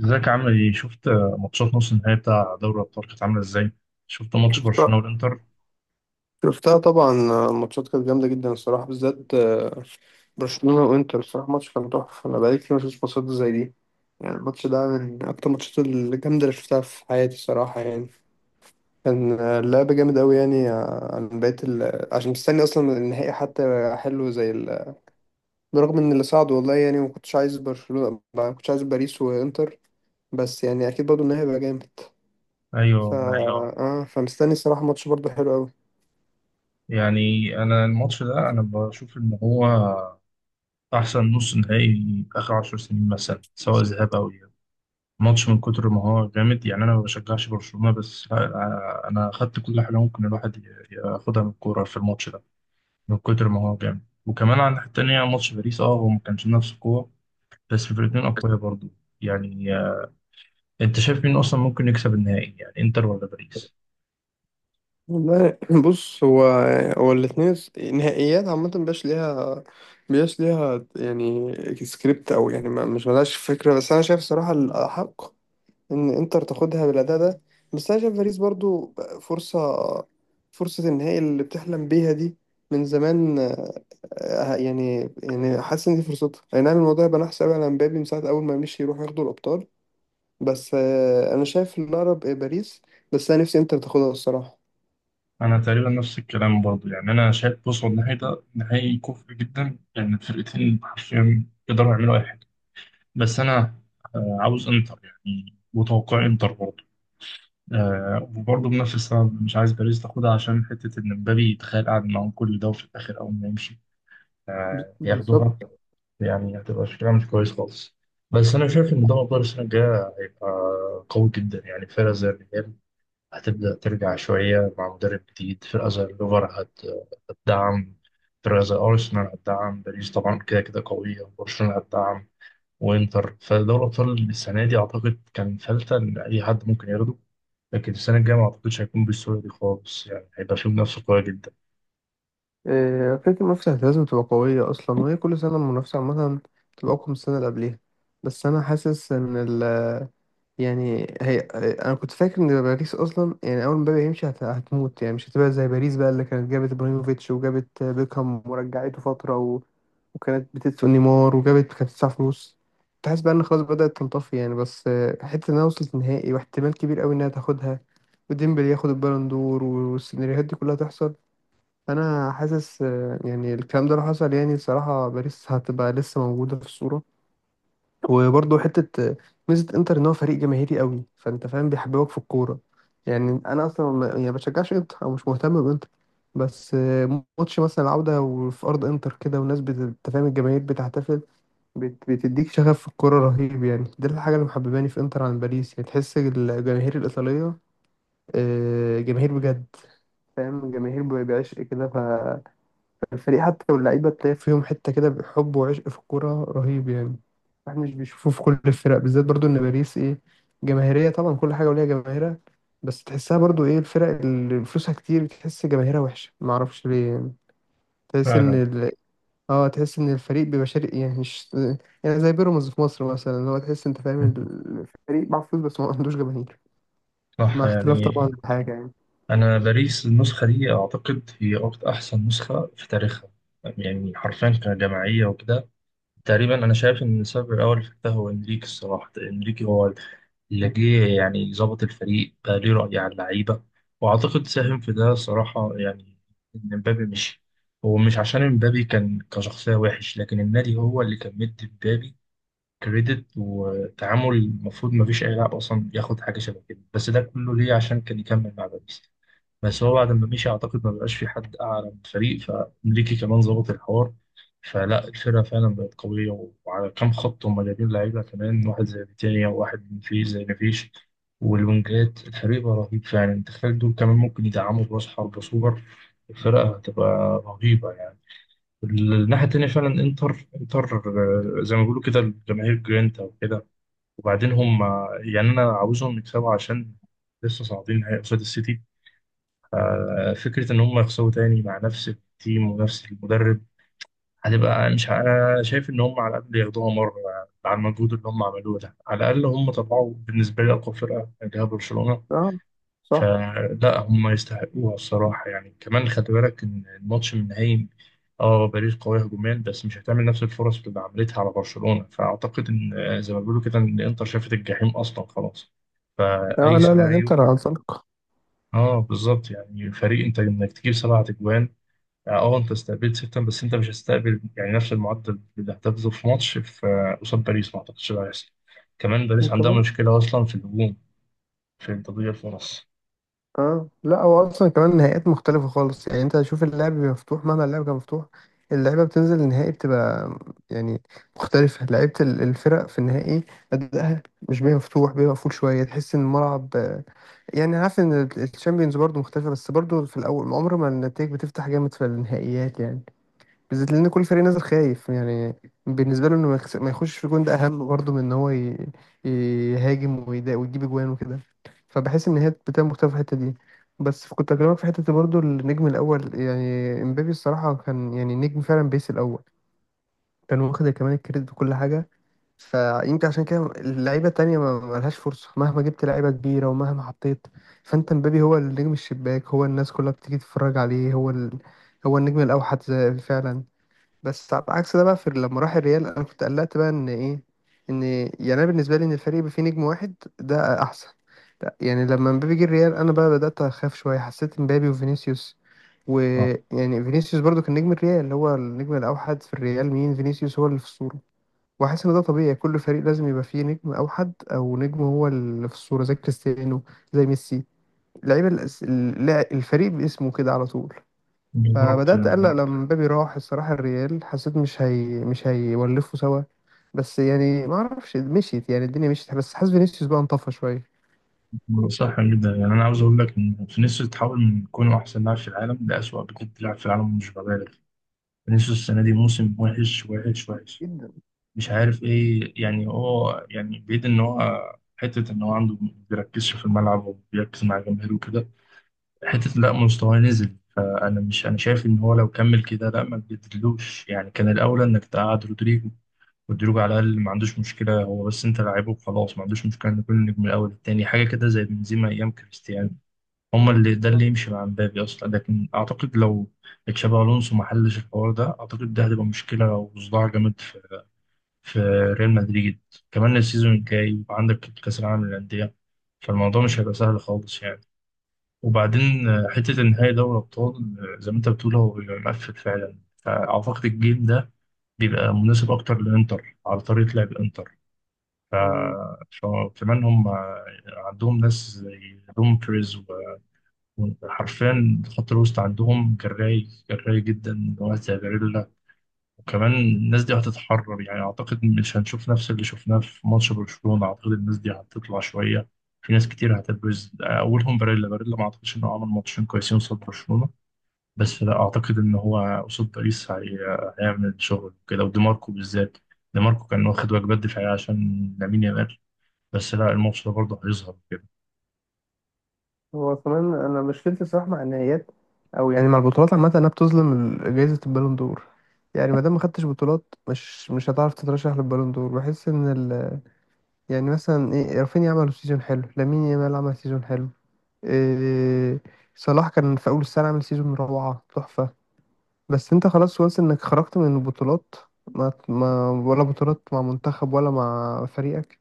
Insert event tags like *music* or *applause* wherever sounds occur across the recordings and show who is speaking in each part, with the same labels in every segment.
Speaker 1: ازيك عامل ايه؟ شفت ماتشات نص النهائي بتاع دوري الابطال كانت عامله ازاي؟ شفت ماتش
Speaker 2: شفتها
Speaker 1: برشلونه والانتر؟
Speaker 2: شفتها. طبعا. الماتشات كانت جامدة جدا الصراحة، بالذات برشلونة وانتر الصراحة، ماتش كان تحفة. أنا بقالي كتير مشفتش ماتشات زي دي. يعني الماتش ده من أكتر الماتشات الجامدة اللي شفتها في حياتي الصراحة، يعني كان اللعب جامد أوي، يعني عن بقية ال... عشان مستني أصلا النهائي، حتى حلو زي ال... برغم إن اللي صعد والله، يعني ما كنتش عايز برشلونة، ما كنتش عايز باريس وانتر، بس يعني أكيد برضه النهائي هيبقى جامد.
Speaker 1: ايوه
Speaker 2: ف
Speaker 1: والله.
Speaker 2: فمستني الصراحة، ماتش برضه حلو أوي.
Speaker 1: يعني انا الماتش ده انا بشوف ان هو احسن نص نهائي اخر 10 سنين مثلا سواء ذهاب او اياب. ماتش من كتر ما هو جامد، يعني انا ما بشجعش برشلونه، بس لا، انا اخدت كل حاجه ممكن الواحد ياخدها من الكوره في الماتش ده من كتر ما هو جامد. وكمان على الناحيه التانيه ماتش باريس، هو ما كانش نفس القوه، بس الفرقتين اقوياء برضو. يعني انت شايف مين اصلا ممكن يكسب النهائي؟ يعني انتر ولا باريس؟
Speaker 2: والله، *laughs* بص، هو هو الاتنين نهائيات عامة مبيبقاش ليها، مبيبقاش ليها يعني سكريبت، أو يعني مش ملهاش فكرة. بس أنا شايف صراحة الأحق إن إنتر تاخدها بالأداء ده. بس أنا شايف باريس برضو فرصة فرصة النهائي اللي بتحلم بيها دي من زمان. يعني حاسس إن دي فرصتها أي نعم. الموضوع يبقى نحس أوي على مبابي من ساعة أول ما مشي يروح ياخدوا الأبطال. بس أنا شايف الأقرب إيه، باريس. بس أنا نفسي إنتر تاخدها الصراحة.
Speaker 1: انا تقريبا نفس الكلام برضه، يعني انا شايف، بص هو النهائي ده نهائي كفء جدا لان الفرقتين حرفيا يقدروا يعملوا اي حاجه. بس انا عاوز انتر يعني، وتوقع انتر برضه. وبرضه بنفس السبب مش عايز باريس تاخدها عشان حته ان مبابي يتخيل قاعد معاهم كل ده وفي الاخر اول ما يمشي
Speaker 2: بالظبط.
Speaker 1: ياخدوها، يعني هتبقى شكلها مش كويس خالص. بس انا شايف ان دوري ابطال السنه الجايه هيبقى قوي جدا، يعني فرقه زي الريال هتبدأ ترجع شوية مع مدرب جديد، فرقة زي الليفر هتدعم، فرقة زي أرسنال هتدعم، باريس طبعا كده كده قوية، برشلونة هتدعم، وإنتر. فدوري الأبطال السنة دي أعتقد كان فلتة إن أي حد ممكن ياخده، لكن السنة الجاية ما أعتقدش هيكون بالسهولة دي خالص، يعني هيبقى فيه منافسة قوية جدا.
Speaker 2: فكرة المنافسة لازم تبقى قوية أصلا، وهي كل سنة المنافسة عامة تبقى أقوى من السنة اللي قبليها. بس أنا حاسس إن ال... يعني هي... أنا كنت فاكر إن باريس أصلا، يعني أول ما مبابي يمشي هتموت، يعني مش هتبقى زي باريس بقى اللي كانت جابت إبراهيموفيتش وجابت بيكهام ورجعته فترة و... وكانت بتدفع نيمار كانت بتدفع فلوس. كنت حاسس بقى إن خلاص بدأت تنطفي، يعني بس حتة إنها وصلت نهائي واحتمال كبير أوي إنها تاخدها، وديمبلي ياخد البالون دور والسيناريوهات دي كلها تحصل. انا حاسس يعني الكلام ده لو حصل، يعني الصراحه باريس هتبقى لسه موجوده في الصوره. وبرضه حته ميزه انتر ان هو فريق جماهيري قوي، فانت فاهم، بيحببك في الكوره. يعني انا اصلا ما يعني بشجعش انتر او مش مهتم بانتر، بس ماتش مثلا العوده وفي ارض انتر كده، والناس أنت فاهم، الجماهير بتحتفل، بتديك شغف في الكوره رهيب، يعني دي الحاجه اللي محبباني في انتر عن باريس. يعني تحس الجماهير الايطاليه جماهير بجد، فاهم، الجماهير بيعشق كده الفريق حتى، واللعيبة تلاقي فيهم حتة كده حب وعشق في الكورة رهيب يعني. احنا مش بنشوفه في كل الفرق، بالذات برضو ان باريس ايه، جماهيرية طبعا، كل حاجة وليها جماهيرها، بس تحسها برضو ايه الفرق اللي فلوسها كتير بتحس جماهيرها وحشة، معرفش ليه يعني. تحس ان
Speaker 1: فعلا.
Speaker 2: ال... اه، تحس ان الفريق بيبقى شرقي، يعني مش... يعني زي بيراميدز في مصر مثلا اللي هو تحس، انت فاهم،
Speaker 1: *laughs*
Speaker 2: الفريق معاه فلوس بس ما عندوش جماهير.
Speaker 1: صح
Speaker 2: مع اختلاف
Speaker 1: يعني.
Speaker 2: طبعا الحاجة يعني.
Speaker 1: أنا باريس النسخة دي أعتقد هي أكتر أحسن نسخة في تاريخها، يعني حرفيا كجماعية وكده. تقريبا انا شايف ان السبب الاول في ده هو انريكي، الصراحه انريكي هو اللي جه يعني ظبط الفريق، بقى ليه راي على اللعيبه، واعتقد ساهم في ده صراحه، يعني ان مبابي مشي. هو مش عشان مبابي كان كشخصيه وحش، لكن النادي هو اللي كان مدي مبابي كريدت وتعامل المفروض ما فيش اي لاعب اصلا ياخد حاجه شبه كده، بس ده كله ليه عشان كان يكمل مع باريس. بس هو بعد ما مشي اعتقد ما بقاش في حد اعلى من الفريق، فانريكي كمان ظبط الحوار، فلا الفرقه فعلا بقت قويه، وعلى كام خط هم جايبين لعيبه كمان، واحد زي فيتينيا وواحد من فيه زي نفيش والوينجات. الفريق بقى رهيب فعلا، انت تخيل دول كمان ممكن يدعموا براس حرب سوبر، الفرقه هتبقى رهيبه يعني. الناحيه التانيه فعلا، انتر، زي ما بيقولوا كده الجماهير جرينتا وكده. وبعدين هم يعني انا عاوزهم يكسبوا عشان لسه صاعدين نهائي قصاد السيتي، فكرة إن هم يخسروا تاني مع نفس التيم ونفس المدرب هتبقى مش أنا شايف إن هم على الأقل ياخدوها مرة، مع المجهود اللي هم عملوه ده، على الأقل هم طلعوا بالنسبة لي أقوى فرقة اللي هي برشلونة.
Speaker 2: اه. صح.
Speaker 1: فلا هم يستحقوها الصراحة يعني. كمان خلي بالك إن الماتش النهائي، اه باريس قوية هجوميا بس مش هتعمل نفس الفرص اللي عملتها على برشلونة، فأعتقد إن زي ما بيقولوا كده إن الإنتر شافت الجحيم أصلا خلاص
Speaker 2: اه
Speaker 1: فأي
Speaker 2: لا لا، انتر
Speaker 1: سيناريو.
Speaker 2: عن سلق.
Speaker 1: اه بالظبط يعني، فريق انت انك تجيب سبعة اجوان، اه انت استقبلت ستة، بس انت مش هتستقبل يعني نفس المعدل اللي هتاخده في ماتش، في قصاد باريس ما اعتقدش ده هيحصل. كمان باريس عندها
Speaker 2: وكمان...
Speaker 1: مشكلة اصلا في الهجوم، في التضييع في النص.
Speaker 2: اه لا، هو اصلا كمان النهائيات مختلفه خالص، يعني انت شوف اللعب بيبقى مفتوح، مهما اللعب كان مفتوح اللعيبه بتنزل النهائي بتبقى يعني مختلفه. لعيبه الفرق في النهائي ادائها مش بيبقى مفتوح، بيبقى مقفول شويه. تحس ان الملعب يعني عارف ان الشامبيونز برضو مختلفه، بس برضو في الاول عمر ما النتائج بتفتح جامد في النهائيات يعني، بالذات لان كل فريق نازل خايف يعني. بالنسبه له انه ما يخش في جون ده اهم برضه من ان هو يهاجم ويجيب اجوان وكده. فبحس ان هي بتبقى مختلفه في الحته دي. بس كنت اكلمك في حته برضه، النجم الاول يعني امبابي الصراحه كان يعني نجم فعلا، بيس الاول. كان واخد كمان الكريدت وكل حاجه، فيمكن عشان كده اللعيبه التانيه ما لهاش فرصه، مهما جبت لعيبه كبيره ومهما حطيت. فانت امبابي هو النجم الشباك، هو الناس كلها بتيجي تتفرج عليه، هو ال... هو النجم الاوحد فعلا. بس على عكس ده بقى في لما راح الريال، انا كنت قلقت بقى ان ايه، ان يعني انا بالنسبه لي ان الفريق يبقى فيه نجم واحد ده احسن. لا يعني لما مبابي جه الريال انا بقى بدات اخاف شويه، حسيت مبابي وفينيسيوس،
Speaker 1: اه
Speaker 2: ويعني فينيسيوس برضو كان نجم الريال، اللي هو النجم الاوحد في الريال، مين فينيسيوس، هو اللي في الصوره. واحس ان ده طبيعي، كل فريق لازم يبقى فيه نجم اوحد، او نجم هو اللي في الصوره زي كريستيانو، زي ميسي. لعيبه الفريق باسمه كده على طول.
Speaker 1: بالظبط
Speaker 2: فبدأت أقلق
Speaker 1: يعني.
Speaker 2: لما مبابي راح الصراحة الريال. حسيت مش هيولفوا سوا، بس يعني ما اعرفش مشيت، يعني الدنيا مشيت، بس حاسس فينيسيوس بقى انطفى شوية.
Speaker 1: صح جدا يعني، انا عاوز اقول لك ان فينيسيوس اتحول من كونه احسن لاعب في العالم لاسوأ بجد لاعب في العالم، مش ببالغ. فينيسيوس السنه دي موسم وحش وحش وحش.
Speaker 2: جدا.
Speaker 1: مش عارف ايه يعني، هو يعني بعيد ان هو حته ان هو عنده بيركزش في الملعب وبيركز مع جماهيره وكده، حتة لا مستواه نزل. فأنا مش، أنا شايف إن هو لو كمل كده لا ما تجددلوش يعني، كان الأولى إنك تقعد رودريجو. رودريجو على الأقل ما عندوش مشكلة هو بس أنت لاعبه وخلاص، ما عندوش مشكلة إن كل نجم الأول التاني حاجة كده زي بنزيما أيام كريستيانو، هما اللي ده
Speaker 2: صح.
Speaker 1: اللي يمشي مع مبابي أصلا. لكن أعتقد لو تشابي ألونسو ما حلش الحوار ده أعتقد ده هتبقى مشكلة وصداع جامد في ريال مدريد. كمان السيزون الجاي وعندك كأس العالم للأندية، فالموضوع مش هيبقى سهل خالص يعني. وبعدين حتة النهائي دوري أبطال، زي ما أنت بتقول هو بيبقى مقفل فعلا، فأعتقد الجيل ده بيبقى مناسب أكتر للإنتر على طريقة لعب الإنتر. ف...
Speaker 2: مم.
Speaker 1: فكمان هم عندهم ناس زي دومفريز وحرفيا خط الوسط عندهم جراي جراي جدا وقت جاريلا. وكمان الناس دي هتتحرر يعني، أعتقد مش هنشوف نفس اللي شفناه في ماتش برشلونة، أعتقد الناس دي هتطلع شوية. في ناس كتير هتبرز اولهم باريلا، باريلا ما اعتقدش انه عمل ماتشين كويسين قصاد برشلونه بس لا اعتقد ان هو قصاد باريس هيعمل شغل كده، ودي ماركو بالذات. دي ماركو كان واخد واجبات دفاعيه عشان لامين يامال، بس لا الماتش ده برضه هيظهر كده.
Speaker 2: هو كمان انا مشكلتي الصراحه مع النهائيات، او يعني مع البطولات عامة، انها بتظلم جايزة البالون دور. يعني ما دام ما خدتش بطولات مش هتعرف تترشح للبالون دور. بحس ان ال... يعني مثلا ايه، رافينيا عمل سيزون حلو، لامين يامال عمل سيزون حلو، إيه، صلاح كان في اول السنة عامل سيزون روعة تحفة، بس انت خلاص، وانس انك خرجت من البطولات. ما ولا بطولات مع منتخب ولا مع فريقك،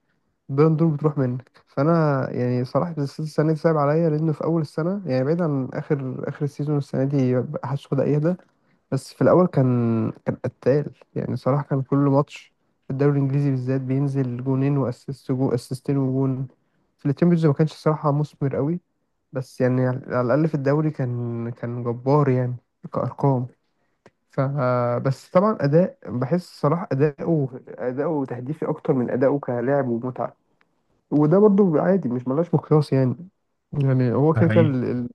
Speaker 2: البالون دور بتروح منك. فانا يعني صراحه السنه دي صعب عليا، لانه في اول السنه، يعني بعيد عن اخر السيزون السنه دي محدش بدا يهدى، بس في الاول كان قتال يعني، صراحه كان كل ماتش في الدوري الانجليزي بالذات بينزل جونين واسيست، اسيستين وجون. في التشامبيونز ما كانش صراحه مثمر قوي، بس يعني على الاقل في الدوري كان جبار يعني، كارقام. فبس طبعا اداء، بحس صلاح اداؤه تهديفي اكتر من اداؤه كلاعب ومتعه، وده برضو عادي، مش ملهاش مقياس يعني. يعني هو
Speaker 1: ده
Speaker 2: كده كده
Speaker 1: حقيقي.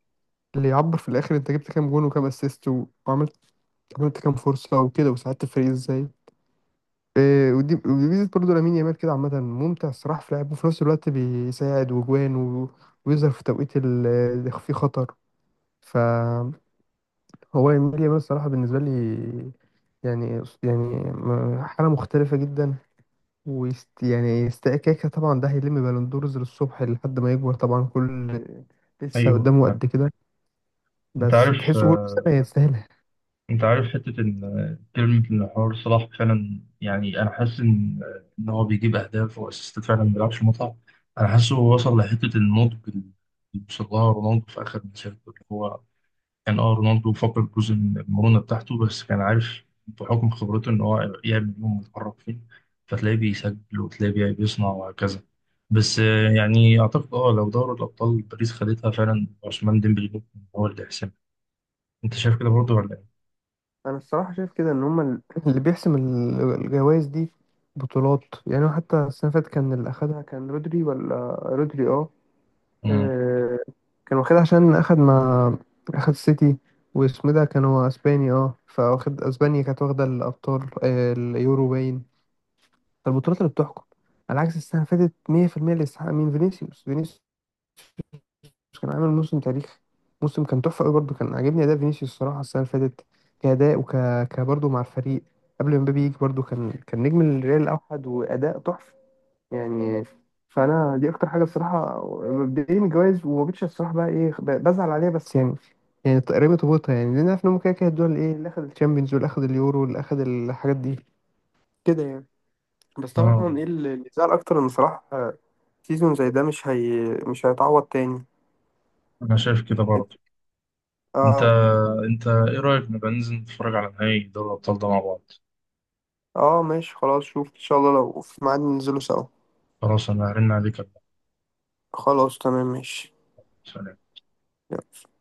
Speaker 2: اللي يعبر في الاخر انت جبت كام جون وكام اسيست، وعملت عملت كام فرصه وكده، وساعدت الفريق ازاي. إيه، ودي ميزه برضه لامين يامال كده عامه، ممتع الصراحه في لعبه وفي نفس الوقت بيساعد وجوان ويظهر في توقيت اللي فيه خطر. هو الميديا، بس الصراحة بالنسبة لي يعني حالة مختلفة جدا، ويست يعني استكاكة، طبعا ده هيلم بالندورز للصبح لحد ما يكبر طبعا، كل... لسه
Speaker 1: ايوه
Speaker 2: قدامه
Speaker 1: فعلا.
Speaker 2: قد كده،
Speaker 1: انت
Speaker 2: بس
Speaker 1: عارف
Speaker 2: تحسه كل سنة يستاهلها.
Speaker 1: انت عارف حته ان كلمه، ان حوار صلاح فعلا، يعني انا حاسس ان هو بيجيب اهداف واسيستات فعلا، ما بيلعبش متعه. انا حاسه هو وصل لحته النضج اللي وصل لها رونالدو في اخر مسيرته، اللي هو كان رونالدو فقد جزء من المرونة بتاعته بس كان عارف بحكم خبرته ان هو يعمل يوم ويتحرك فين، فتلاقيه بيسجل وتلاقيه بيصنع وهكذا. بس يعني اعتقد لو دوري الابطال باريس خدتها فعلا عثمان ديمبلي ممكن هو اللي يحسمها. انت شايف كده برضه ولا ايه؟
Speaker 2: أنا الصراحة شايف كده إن هما اللي بيحسم الجوائز دي بطولات. يعني حتى السنة اللي فاتت كان اللي أخدها كان رودري، ولا رودري؟ آه،
Speaker 1: مم.
Speaker 2: كان واخدها عشان اخد مع، اخد سيتي، واسمه ده كان هو اسباني، اه، فواخد اسبانيا كانت واخده الابطال اليورو، باين فالبطولات اللي بتحكم. على عكس السنه اللي فاتت، 100% اللي يستحق مين؟ فينيسيوس. كان عامل موسم تاريخي، موسم كان تحفه قوي، برضه كان عاجبني اداء فينيسيوس الصراحه السنه اللي فاتت، كاداء برضه مع الفريق قبل ما مبابي يجي، برضه كان نجم الريال الاوحد، واداء تحفه يعني. فانا دي اكتر حاجه الصراحه مبدئيا الجواز، وما بقتش الصراحه بقى ايه بزعل عليها، بس يعني تقريبا تبوظها، يعني لان عارف ان هم كده كده الدول، ايه اللي اخد الشامبيونز واللي اخد اليورو واللي اخد الحاجات دي كده يعني. بس
Speaker 1: اه
Speaker 2: طبعا ايه اللي زعل اكتر ان صراحه سيزون زي ده مش هيتعوض تاني.
Speaker 1: انا شايف كده برضه. انت
Speaker 2: اه.
Speaker 1: انت ايه رايك نبقى ننزل نتفرج على نهائي دوري الابطال ده مع بعض؟
Speaker 2: اه ماشي خلاص، شوف ان شاء الله، لو في ميعاد ننزله سوا.
Speaker 1: خلاص انا هرن عليك.
Speaker 2: خلاص تمام ماشي.
Speaker 1: سلام.
Speaker 2: يلا.